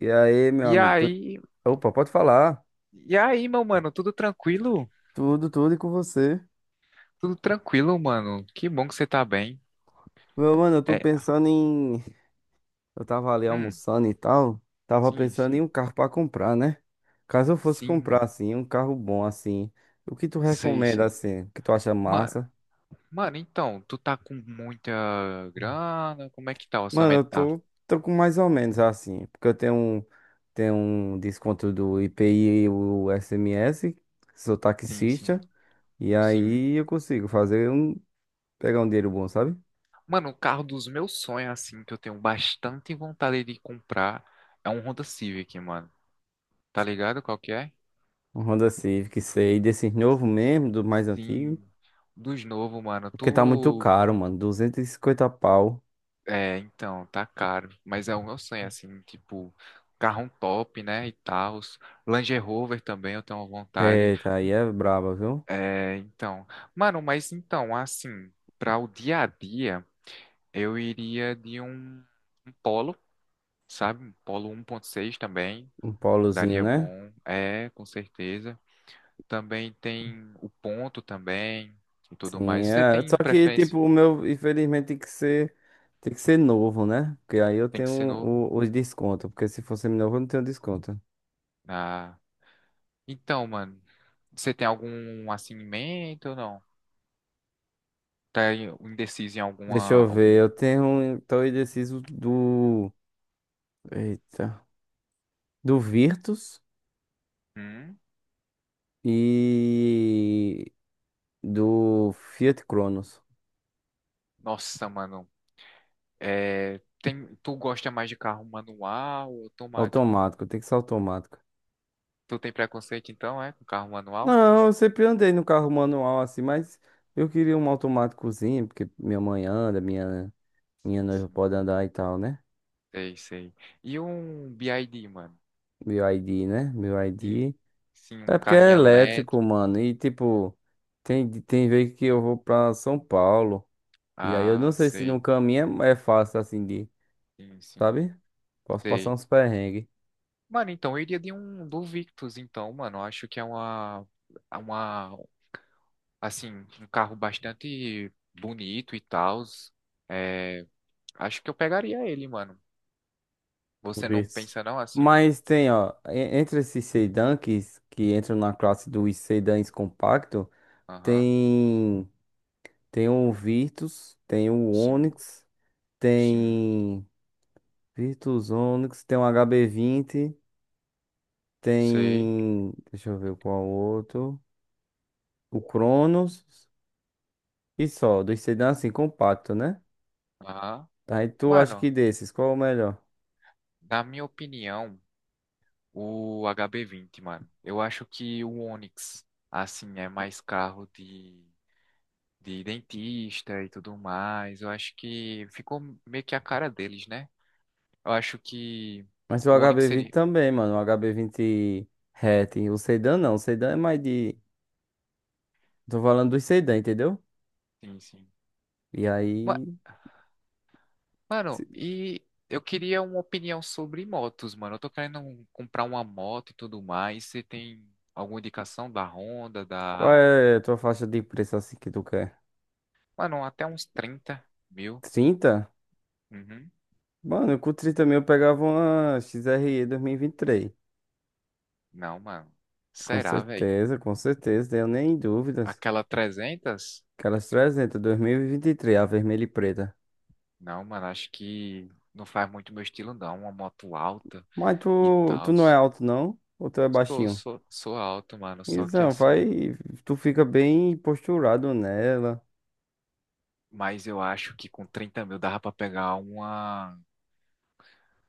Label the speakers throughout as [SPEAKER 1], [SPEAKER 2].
[SPEAKER 1] E aí, meu
[SPEAKER 2] E
[SPEAKER 1] amigo?
[SPEAKER 2] aí,
[SPEAKER 1] Opa, pode falar.
[SPEAKER 2] e aí, meu mano, tudo tranquilo?
[SPEAKER 1] Tudo, tudo e com você.
[SPEAKER 2] Tudo tranquilo, mano. Que bom que você tá bem.
[SPEAKER 1] Meu mano, eu tô
[SPEAKER 2] É,
[SPEAKER 1] pensando em. Eu tava ali
[SPEAKER 2] hum,
[SPEAKER 1] almoçando e tal. Tava
[SPEAKER 2] sim,
[SPEAKER 1] pensando em
[SPEAKER 2] sim.
[SPEAKER 1] um carro pra comprar, né? Caso eu fosse
[SPEAKER 2] Sim,
[SPEAKER 1] comprar,
[SPEAKER 2] mano.
[SPEAKER 1] assim, um carro bom, assim. O que tu
[SPEAKER 2] Sei,
[SPEAKER 1] recomenda,
[SPEAKER 2] sei.
[SPEAKER 1] assim? O que tu acha
[SPEAKER 2] Mano,
[SPEAKER 1] massa?
[SPEAKER 2] mano, então, tu tá com muita grana? Como é que tá o
[SPEAKER 1] Mano,
[SPEAKER 2] orçamento?
[SPEAKER 1] eu
[SPEAKER 2] Tá.
[SPEAKER 1] tô com mais ou menos assim. Porque eu tenho um desconto do IPI e o SMS. Sou
[SPEAKER 2] Sim, sim,
[SPEAKER 1] taxista. E
[SPEAKER 2] sim.
[SPEAKER 1] aí eu consigo fazer um. Pegar um dinheiro bom, sabe?
[SPEAKER 2] Mano, o carro dos meus sonhos, assim, que eu tenho bastante vontade de comprar, é um Honda Civic, mano. Tá ligado qual que é?
[SPEAKER 1] Um Honda Civic, sei. Desses novo mesmo, do mais antigo.
[SPEAKER 2] Sim. Dos novos, mano.
[SPEAKER 1] Porque tá muito
[SPEAKER 2] Tu
[SPEAKER 1] caro, mano. 250 pau.
[SPEAKER 2] É, então, tá caro. Mas é o meu sonho, assim, tipo, carro top, né? E tal. Land Rover também eu tenho vontade.
[SPEAKER 1] Eita, aí é braba, viu?
[SPEAKER 2] É, então. Mano, mas então, assim, para o dia a dia, eu iria de um Polo, sabe? Um Polo 1.6 também.
[SPEAKER 1] Um polozinho,
[SPEAKER 2] Daria
[SPEAKER 1] né?
[SPEAKER 2] bom. É, com certeza. Também tem o ponto também e tudo
[SPEAKER 1] Sim,
[SPEAKER 2] mais. Você
[SPEAKER 1] é. Só
[SPEAKER 2] tem
[SPEAKER 1] que,
[SPEAKER 2] preferência?
[SPEAKER 1] tipo, o meu, infelizmente, tem que ser novo, né? Porque aí eu
[SPEAKER 2] Tem
[SPEAKER 1] tenho
[SPEAKER 2] que ser novo?
[SPEAKER 1] os descontos. Porque se fosse novo, eu não tenho desconto.
[SPEAKER 2] Ah. Então, mano, você tem algum assim em mente ou não? Tá indeciso em
[SPEAKER 1] Deixa
[SPEAKER 2] alguma
[SPEAKER 1] eu ver.
[SPEAKER 2] algum?
[SPEAKER 1] Eu tenho. Tô indeciso do. Eita. Do Virtus
[SPEAKER 2] Hum?
[SPEAKER 1] e do Fiat Cronos.
[SPEAKER 2] Nossa, mano, é, tem, tu gosta mais de carro manual ou automático?
[SPEAKER 1] Automático, tem que ser automático.
[SPEAKER 2] Tu tem preconceito então, é, com carro manual?
[SPEAKER 1] Não, eu sempre andei no carro manual assim, mas eu queria um automáticozinho, porque minha mãe anda, minha,
[SPEAKER 2] Sim,
[SPEAKER 1] minha noiva
[SPEAKER 2] sim.
[SPEAKER 1] pode andar e tal, né?
[SPEAKER 2] Sei, sei. E um BID, mano?
[SPEAKER 1] Meu ID, né? Meu
[SPEAKER 2] Sim,
[SPEAKER 1] ID.
[SPEAKER 2] sim, um
[SPEAKER 1] É porque é
[SPEAKER 2] carrinho
[SPEAKER 1] elétrico,
[SPEAKER 2] elétrico.
[SPEAKER 1] mano. E tipo, tem vez que eu vou pra São Paulo. E aí eu não
[SPEAKER 2] Ah,
[SPEAKER 1] sei se no
[SPEAKER 2] sei.
[SPEAKER 1] caminho é fácil assim de,
[SPEAKER 2] Sim, sim,
[SPEAKER 1] sabe? Posso passar
[SPEAKER 2] sei.
[SPEAKER 1] uns perrengues.
[SPEAKER 2] Mano, então eu iria de um do Victus, então, mano. Eu acho que é uma assim, um carro bastante bonito e tal. É, acho que eu pegaria ele, mano. Você não
[SPEAKER 1] Talvez.
[SPEAKER 2] pensa não assim?
[SPEAKER 1] Mas tem, ó, entre esses sedãs que entram na classe dos sedãs compactos.
[SPEAKER 2] Aham,
[SPEAKER 1] Tem, tem o Virtus, tem o
[SPEAKER 2] sim,
[SPEAKER 1] Onix,
[SPEAKER 2] sim,
[SPEAKER 1] tem Virtus Onix, tem o HB20,
[SPEAKER 2] sei.
[SPEAKER 1] tem, deixa eu ver qual outro, o Cronos e só, dos sedãs assim, compacto, né?
[SPEAKER 2] Aham.
[SPEAKER 1] Aí tu acha que
[SPEAKER 2] Mano,
[SPEAKER 1] desses, qual é o melhor?
[SPEAKER 2] na minha opinião, o HB20, mano. Eu acho que o Onix, assim, é mais carro de dentista e tudo mais. Eu acho que ficou meio que a cara deles, né? Eu acho que
[SPEAKER 1] Mas o
[SPEAKER 2] o Onix
[SPEAKER 1] hb vinte
[SPEAKER 2] seria.
[SPEAKER 1] também, mano, o HB20 hatch, o sedã não, o sedã é mais de, tô falando dos sedã, entendeu?
[SPEAKER 2] Sim, sim.
[SPEAKER 1] E aí,
[SPEAKER 2] Mano,
[SPEAKER 1] se-
[SPEAKER 2] e eu queria uma opinião sobre motos, mano. Eu tô querendo comprar uma moto e tudo mais. Você tem alguma indicação da Honda,
[SPEAKER 1] qual é a tua faixa de preço assim que tu quer?
[SPEAKER 2] Mano, até uns 30 mil.
[SPEAKER 1] 30.
[SPEAKER 2] Uhum.
[SPEAKER 1] Mano, com 30 mil eu pegava uma XRE 2023.
[SPEAKER 2] Não, mano. Será, velho?
[SPEAKER 1] Com certeza, tenho nem dúvidas.
[SPEAKER 2] Aquela 300?
[SPEAKER 1] Aquelas 300, 2023, a vermelha e preta.
[SPEAKER 2] Não, mano, acho que não faz muito meu estilo, não. Uma moto alta
[SPEAKER 1] Mas
[SPEAKER 2] e
[SPEAKER 1] tu
[SPEAKER 2] tal.
[SPEAKER 1] não é alto, não? Ou tu é
[SPEAKER 2] Sou,
[SPEAKER 1] baixinho?
[SPEAKER 2] sou, sou alto, mano. Só que
[SPEAKER 1] Então,
[SPEAKER 2] assim.
[SPEAKER 1] vai. Tu fica bem posturado nela.
[SPEAKER 2] Mas eu acho que com 30 mil dava pra pegar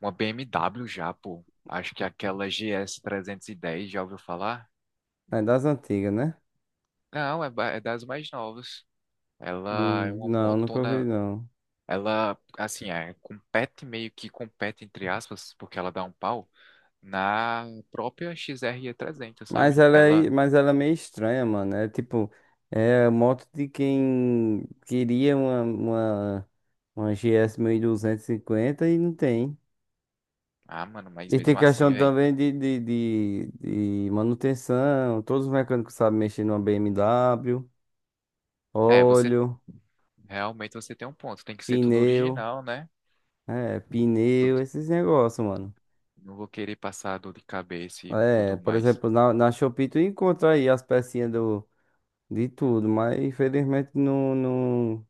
[SPEAKER 2] Uma BMW já, pô. Acho que aquela GS 310, já ouviu falar?
[SPEAKER 1] É das antigas, né?
[SPEAKER 2] Não, é das mais novas. Ela é uma
[SPEAKER 1] Não, nunca ouvi,
[SPEAKER 2] motona.
[SPEAKER 1] não.
[SPEAKER 2] Ela, assim, é, compete meio que compete, entre aspas, porque ela dá um pau na própria XRE 300,
[SPEAKER 1] Mas
[SPEAKER 2] sabe?
[SPEAKER 1] ela é,
[SPEAKER 2] Ela.
[SPEAKER 1] mas ela é meio estranha, mano. É tipo, é moto de quem queria uma GS 250 e não tem.
[SPEAKER 2] Ah, mano, mas
[SPEAKER 1] E tem
[SPEAKER 2] mesmo assim,
[SPEAKER 1] questão
[SPEAKER 2] velho.
[SPEAKER 1] também de manutenção. Todos os mecânicos sabem mexer numa BMW,
[SPEAKER 2] É, você.
[SPEAKER 1] óleo,
[SPEAKER 2] Realmente você tem um ponto. Tem que ser tudo
[SPEAKER 1] pneu,
[SPEAKER 2] original, né?
[SPEAKER 1] pneu,
[SPEAKER 2] Tudo.
[SPEAKER 1] esses negócios, mano.
[SPEAKER 2] Não vou querer passar dor de cabeça e
[SPEAKER 1] É,
[SPEAKER 2] tudo
[SPEAKER 1] por
[SPEAKER 2] mais.
[SPEAKER 1] exemplo, na Shopee tu encontra aí as pecinhas do, de tudo, mas infelizmente não, não,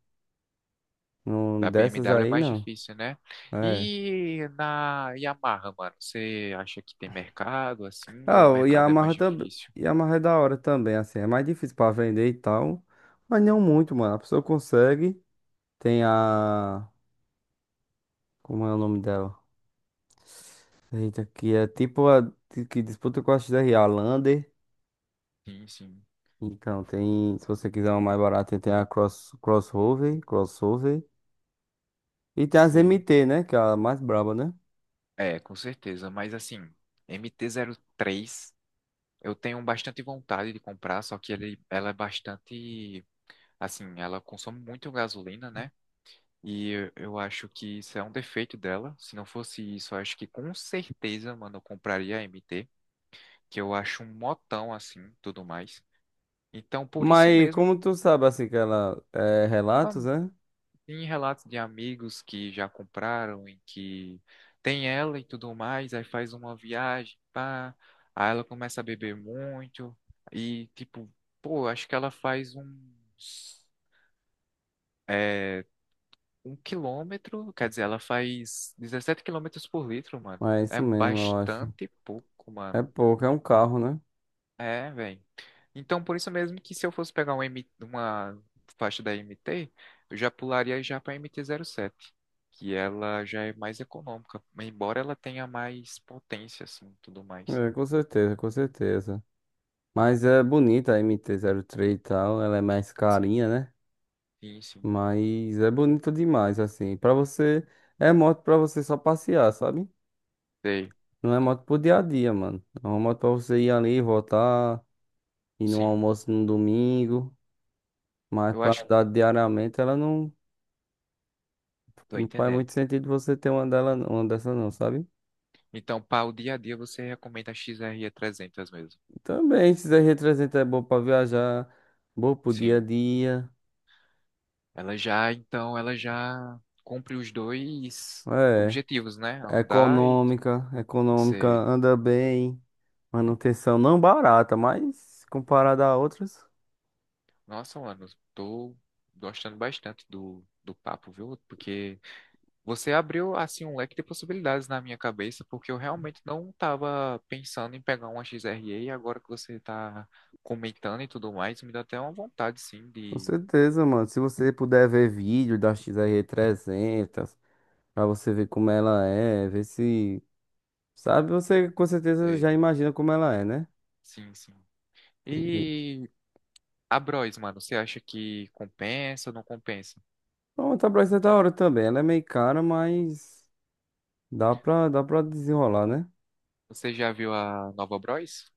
[SPEAKER 1] não
[SPEAKER 2] Da
[SPEAKER 1] dessas
[SPEAKER 2] BMW é
[SPEAKER 1] aí
[SPEAKER 2] mais
[SPEAKER 1] não.
[SPEAKER 2] difícil, né?
[SPEAKER 1] É.
[SPEAKER 2] E na Yamaha, mano, você acha que tem mercado assim ou
[SPEAKER 1] Ah,
[SPEAKER 2] o
[SPEAKER 1] o
[SPEAKER 2] mercado é mais
[SPEAKER 1] Yamaha também.
[SPEAKER 2] difícil?
[SPEAKER 1] Yamaha é da hora também, assim. É mais difícil pra vender e tal. Mas não
[SPEAKER 2] Uhum.
[SPEAKER 1] muito, mano. A pessoa consegue. Tem a. Como é o nome dela? Eita, que é tipo a que disputa com a XR, a Lander.
[SPEAKER 2] Sim, sim,
[SPEAKER 1] Então, tem. Se você quiser uma mais barata, tem a Cross, Crossover, Crossover. E tem as
[SPEAKER 2] sei.
[SPEAKER 1] MT, né? Que é a mais braba, né?
[SPEAKER 2] É, com certeza, mas assim, MT-3, eu tenho bastante vontade de comprar, só que ele, ela é bastante, assim, ela consome muito gasolina, né? E eu acho que isso é um defeito dela. Se não fosse isso, eu acho que com certeza, mano, eu compraria a MT, que eu acho um motão assim, tudo mais. Então, por isso
[SPEAKER 1] Mas
[SPEAKER 2] mesmo,
[SPEAKER 1] como tu sabe, assim, que ela é
[SPEAKER 2] ah,
[SPEAKER 1] relatos, né?
[SPEAKER 2] tem relatos de amigos que já compraram e que tem ela e tudo mais, aí faz uma viagem, pá, aí ela começa a beber muito e, tipo, pô, acho que ela faz uns, é, um quilômetro, quer dizer, ela faz 17 quilômetros por litro, mano.
[SPEAKER 1] Mas é
[SPEAKER 2] É
[SPEAKER 1] isso mesmo, eu acho.
[SPEAKER 2] bastante pouco,
[SPEAKER 1] É
[SPEAKER 2] mano.
[SPEAKER 1] pouco, é um carro, né?
[SPEAKER 2] É, velho. Então, por isso mesmo que se eu fosse pegar uma faixa da MT, eu já pularia já para MT-07, que ela já é mais econômica, embora ela tenha mais potência, assim, tudo mais.
[SPEAKER 1] É, com certeza, com certeza. Mas é bonita a MT-03 e tal, ela é mais
[SPEAKER 2] Sim,
[SPEAKER 1] carinha, né?
[SPEAKER 2] sim, sim.
[SPEAKER 1] Mas é bonita demais, assim. Pra você, é moto pra você só passear, sabe?
[SPEAKER 2] Sei,
[SPEAKER 1] Não é moto pro dia a dia, mano. É uma moto pra você ir ali, voltar, ir num
[SPEAKER 2] sim.
[SPEAKER 1] almoço no domingo. Mas
[SPEAKER 2] Eu
[SPEAKER 1] pra
[SPEAKER 2] acho que
[SPEAKER 1] andar diariamente, ela não,
[SPEAKER 2] tô
[SPEAKER 1] não faz
[SPEAKER 2] entendendo.
[SPEAKER 1] muito sentido você ter uma dela, uma dessa não, sabe?
[SPEAKER 2] Então, para o dia a dia, você recomenda a XR300 mesmo.
[SPEAKER 1] Também, esse R300 é bom pra viajar, bom pro dia a
[SPEAKER 2] Sim.
[SPEAKER 1] dia.
[SPEAKER 2] Ela já, então, ela já cumpre os dois
[SPEAKER 1] É.
[SPEAKER 2] objetivos, né? Andar e tipo,
[SPEAKER 1] Econômica, econômica
[SPEAKER 2] ser
[SPEAKER 1] anda bem. Manutenção não barata, mas comparada a outras,
[SPEAKER 2] Nossa, mano, tô gostando bastante do papo, viu? Porque você abriu, assim, um leque de possibilidades na minha cabeça, porque eu realmente não tava pensando em pegar uma XRE e agora que você tá comentando e tudo mais, me dá até uma vontade, sim,
[SPEAKER 1] com
[SPEAKER 2] de.
[SPEAKER 1] certeza, mano. Se você puder ver vídeo da XR300, pra você ver como ela é, ver se. Sabe, você com certeza
[SPEAKER 2] de-
[SPEAKER 1] já imagina como ela é, né?
[SPEAKER 2] Sim, sim.
[SPEAKER 1] E
[SPEAKER 2] E a Bros, mano, você acha que compensa ou não compensa?
[SPEAKER 1] pronto, a Bryce é da hora também. Ela é meio cara, mas dá pra desenrolar, né?
[SPEAKER 2] Você já viu a nova Bros?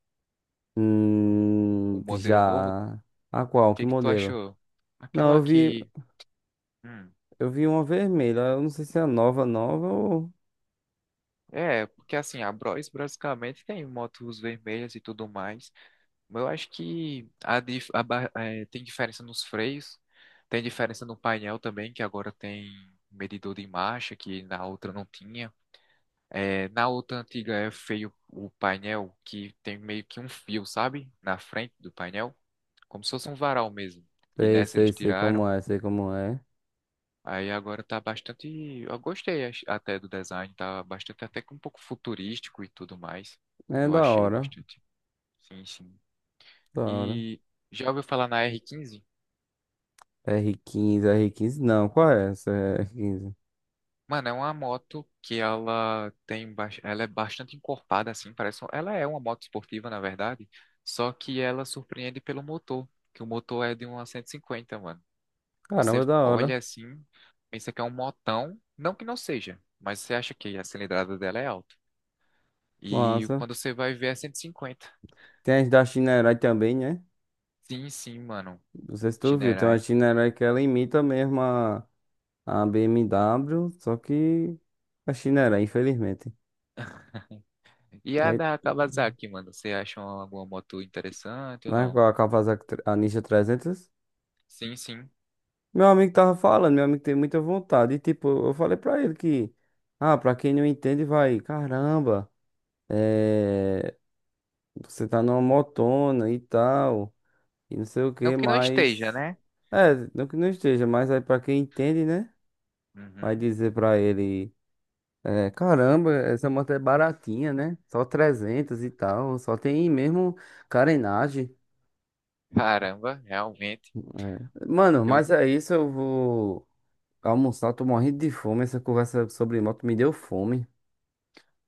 [SPEAKER 2] O modelo novo? O
[SPEAKER 1] Já. A qual? Que
[SPEAKER 2] que que tu
[SPEAKER 1] modelo?
[SPEAKER 2] achou?
[SPEAKER 1] Não, eu
[SPEAKER 2] Aquela
[SPEAKER 1] vi.
[SPEAKER 2] que... hum.
[SPEAKER 1] Eu vi uma vermelha, eu não sei se é nova, nova ou.
[SPEAKER 2] É, porque assim, a Bros basicamente tem motos vermelhas e tudo mais. Mas eu acho que a, dif- a ba- eh, tem diferença nos freios, tem diferença no painel também, que agora tem medidor de marcha, que na outra não tinha. Na outra antiga é feio o painel, que tem meio que um fio, sabe? Na frente do painel, como se fosse um varal mesmo. E
[SPEAKER 1] Sei,
[SPEAKER 2] nessa eles
[SPEAKER 1] sei, sei
[SPEAKER 2] tiraram.
[SPEAKER 1] como é, sei como é.
[SPEAKER 2] Aí agora tá bastante. Eu gostei até do design, tá bastante até que um pouco futurístico e tudo mais.
[SPEAKER 1] É
[SPEAKER 2] Eu
[SPEAKER 1] da
[SPEAKER 2] achei
[SPEAKER 1] hora,
[SPEAKER 2] bastante. Sim, sim.
[SPEAKER 1] da hora.
[SPEAKER 2] E já ouviu falar na R15?
[SPEAKER 1] R quinze não, qual é essa R15?
[SPEAKER 2] Mano, é uma moto que ela tem, ela é bastante encorpada assim, parece, ela é uma moto esportiva na verdade, só que ela surpreende pelo motor, que o motor é de uma 150, mano. Você
[SPEAKER 1] Caramba, da hora,
[SPEAKER 2] olha assim, pensa que é um motão, não que não seja, mas você acha que a cilindrada dela é alta. E
[SPEAKER 1] massa.
[SPEAKER 2] quando você vai ver é 150?
[SPEAKER 1] Tem as da China Herói também, né?
[SPEAKER 2] Sim, sim, mano.
[SPEAKER 1] Não sei se tu viu, tem uma
[SPEAKER 2] Shinerai.
[SPEAKER 1] China Herói que ela imita mesmo a BMW, só que a China Herói, infelizmente.
[SPEAKER 2] E a
[SPEAKER 1] E-
[SPEAKER 2] da Kawasaki, mano, você acha alguma moto interessante ou
[SPEAKER 1] Não é com
[SPEAKER 2] não?
[SPEAKER 1] a Kawasaki a Ninja 300?
[SPEAKER 2] Sim, sim.
[SPEAKER 1] Meu amigo tava falando, meu amigo tem muita vontade. E tipo, eu falei pra ele que, ah, pra quem não entende, vai, caramba, é, você tá numa motona e tal, e não sei o
[SPEAKER 2] Não
[SPEAKER 1] que,
[SPEAKER 2] que não esteja,
[SPEAKER 1] mas.
[SPEAKER 2] né?
[SPEAKER 1] É, não que não esteja, mas aí pra quem entende, né? Vai
[SPEAKER 2] Uhum.
[SPEAKER 1] dizer pra ele, é, caramba, essa moto é baratinha, né? Só 300 e tal, só tem mesmo carenagem.
[SPEAKER 2] Caramba, realmente.
[SPEAKER 1] É. Mano,
[SPEAKER 2] Eu,
[SPEAKER 1] mas é isso, eu vou almoçar, tô morrendo de fome. Essa conversa sobre moto me deu fome.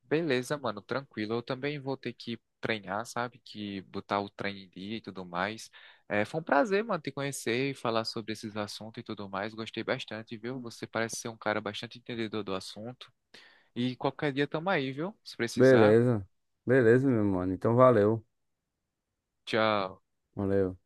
[SPEAKER 2] Beleza, mano, tranquilo. Eu também vou ter que treinar, sabe? Que botar o treino em dia e tudo mais. É, foi um prazer, mano, te conhecer e falar sobre esses assuntos e tudo mais. Gostei bastante, viu? Você parece ser um cara bastante entendedor do assunto. E qualquer dia tamo aí, viu? Se precisar.
[SPEAKER 1] Beleza. Beleza, meu mano. Então valeu.
[SPEAKER 2] Tchau.
[SPEAKER 1] Valeu.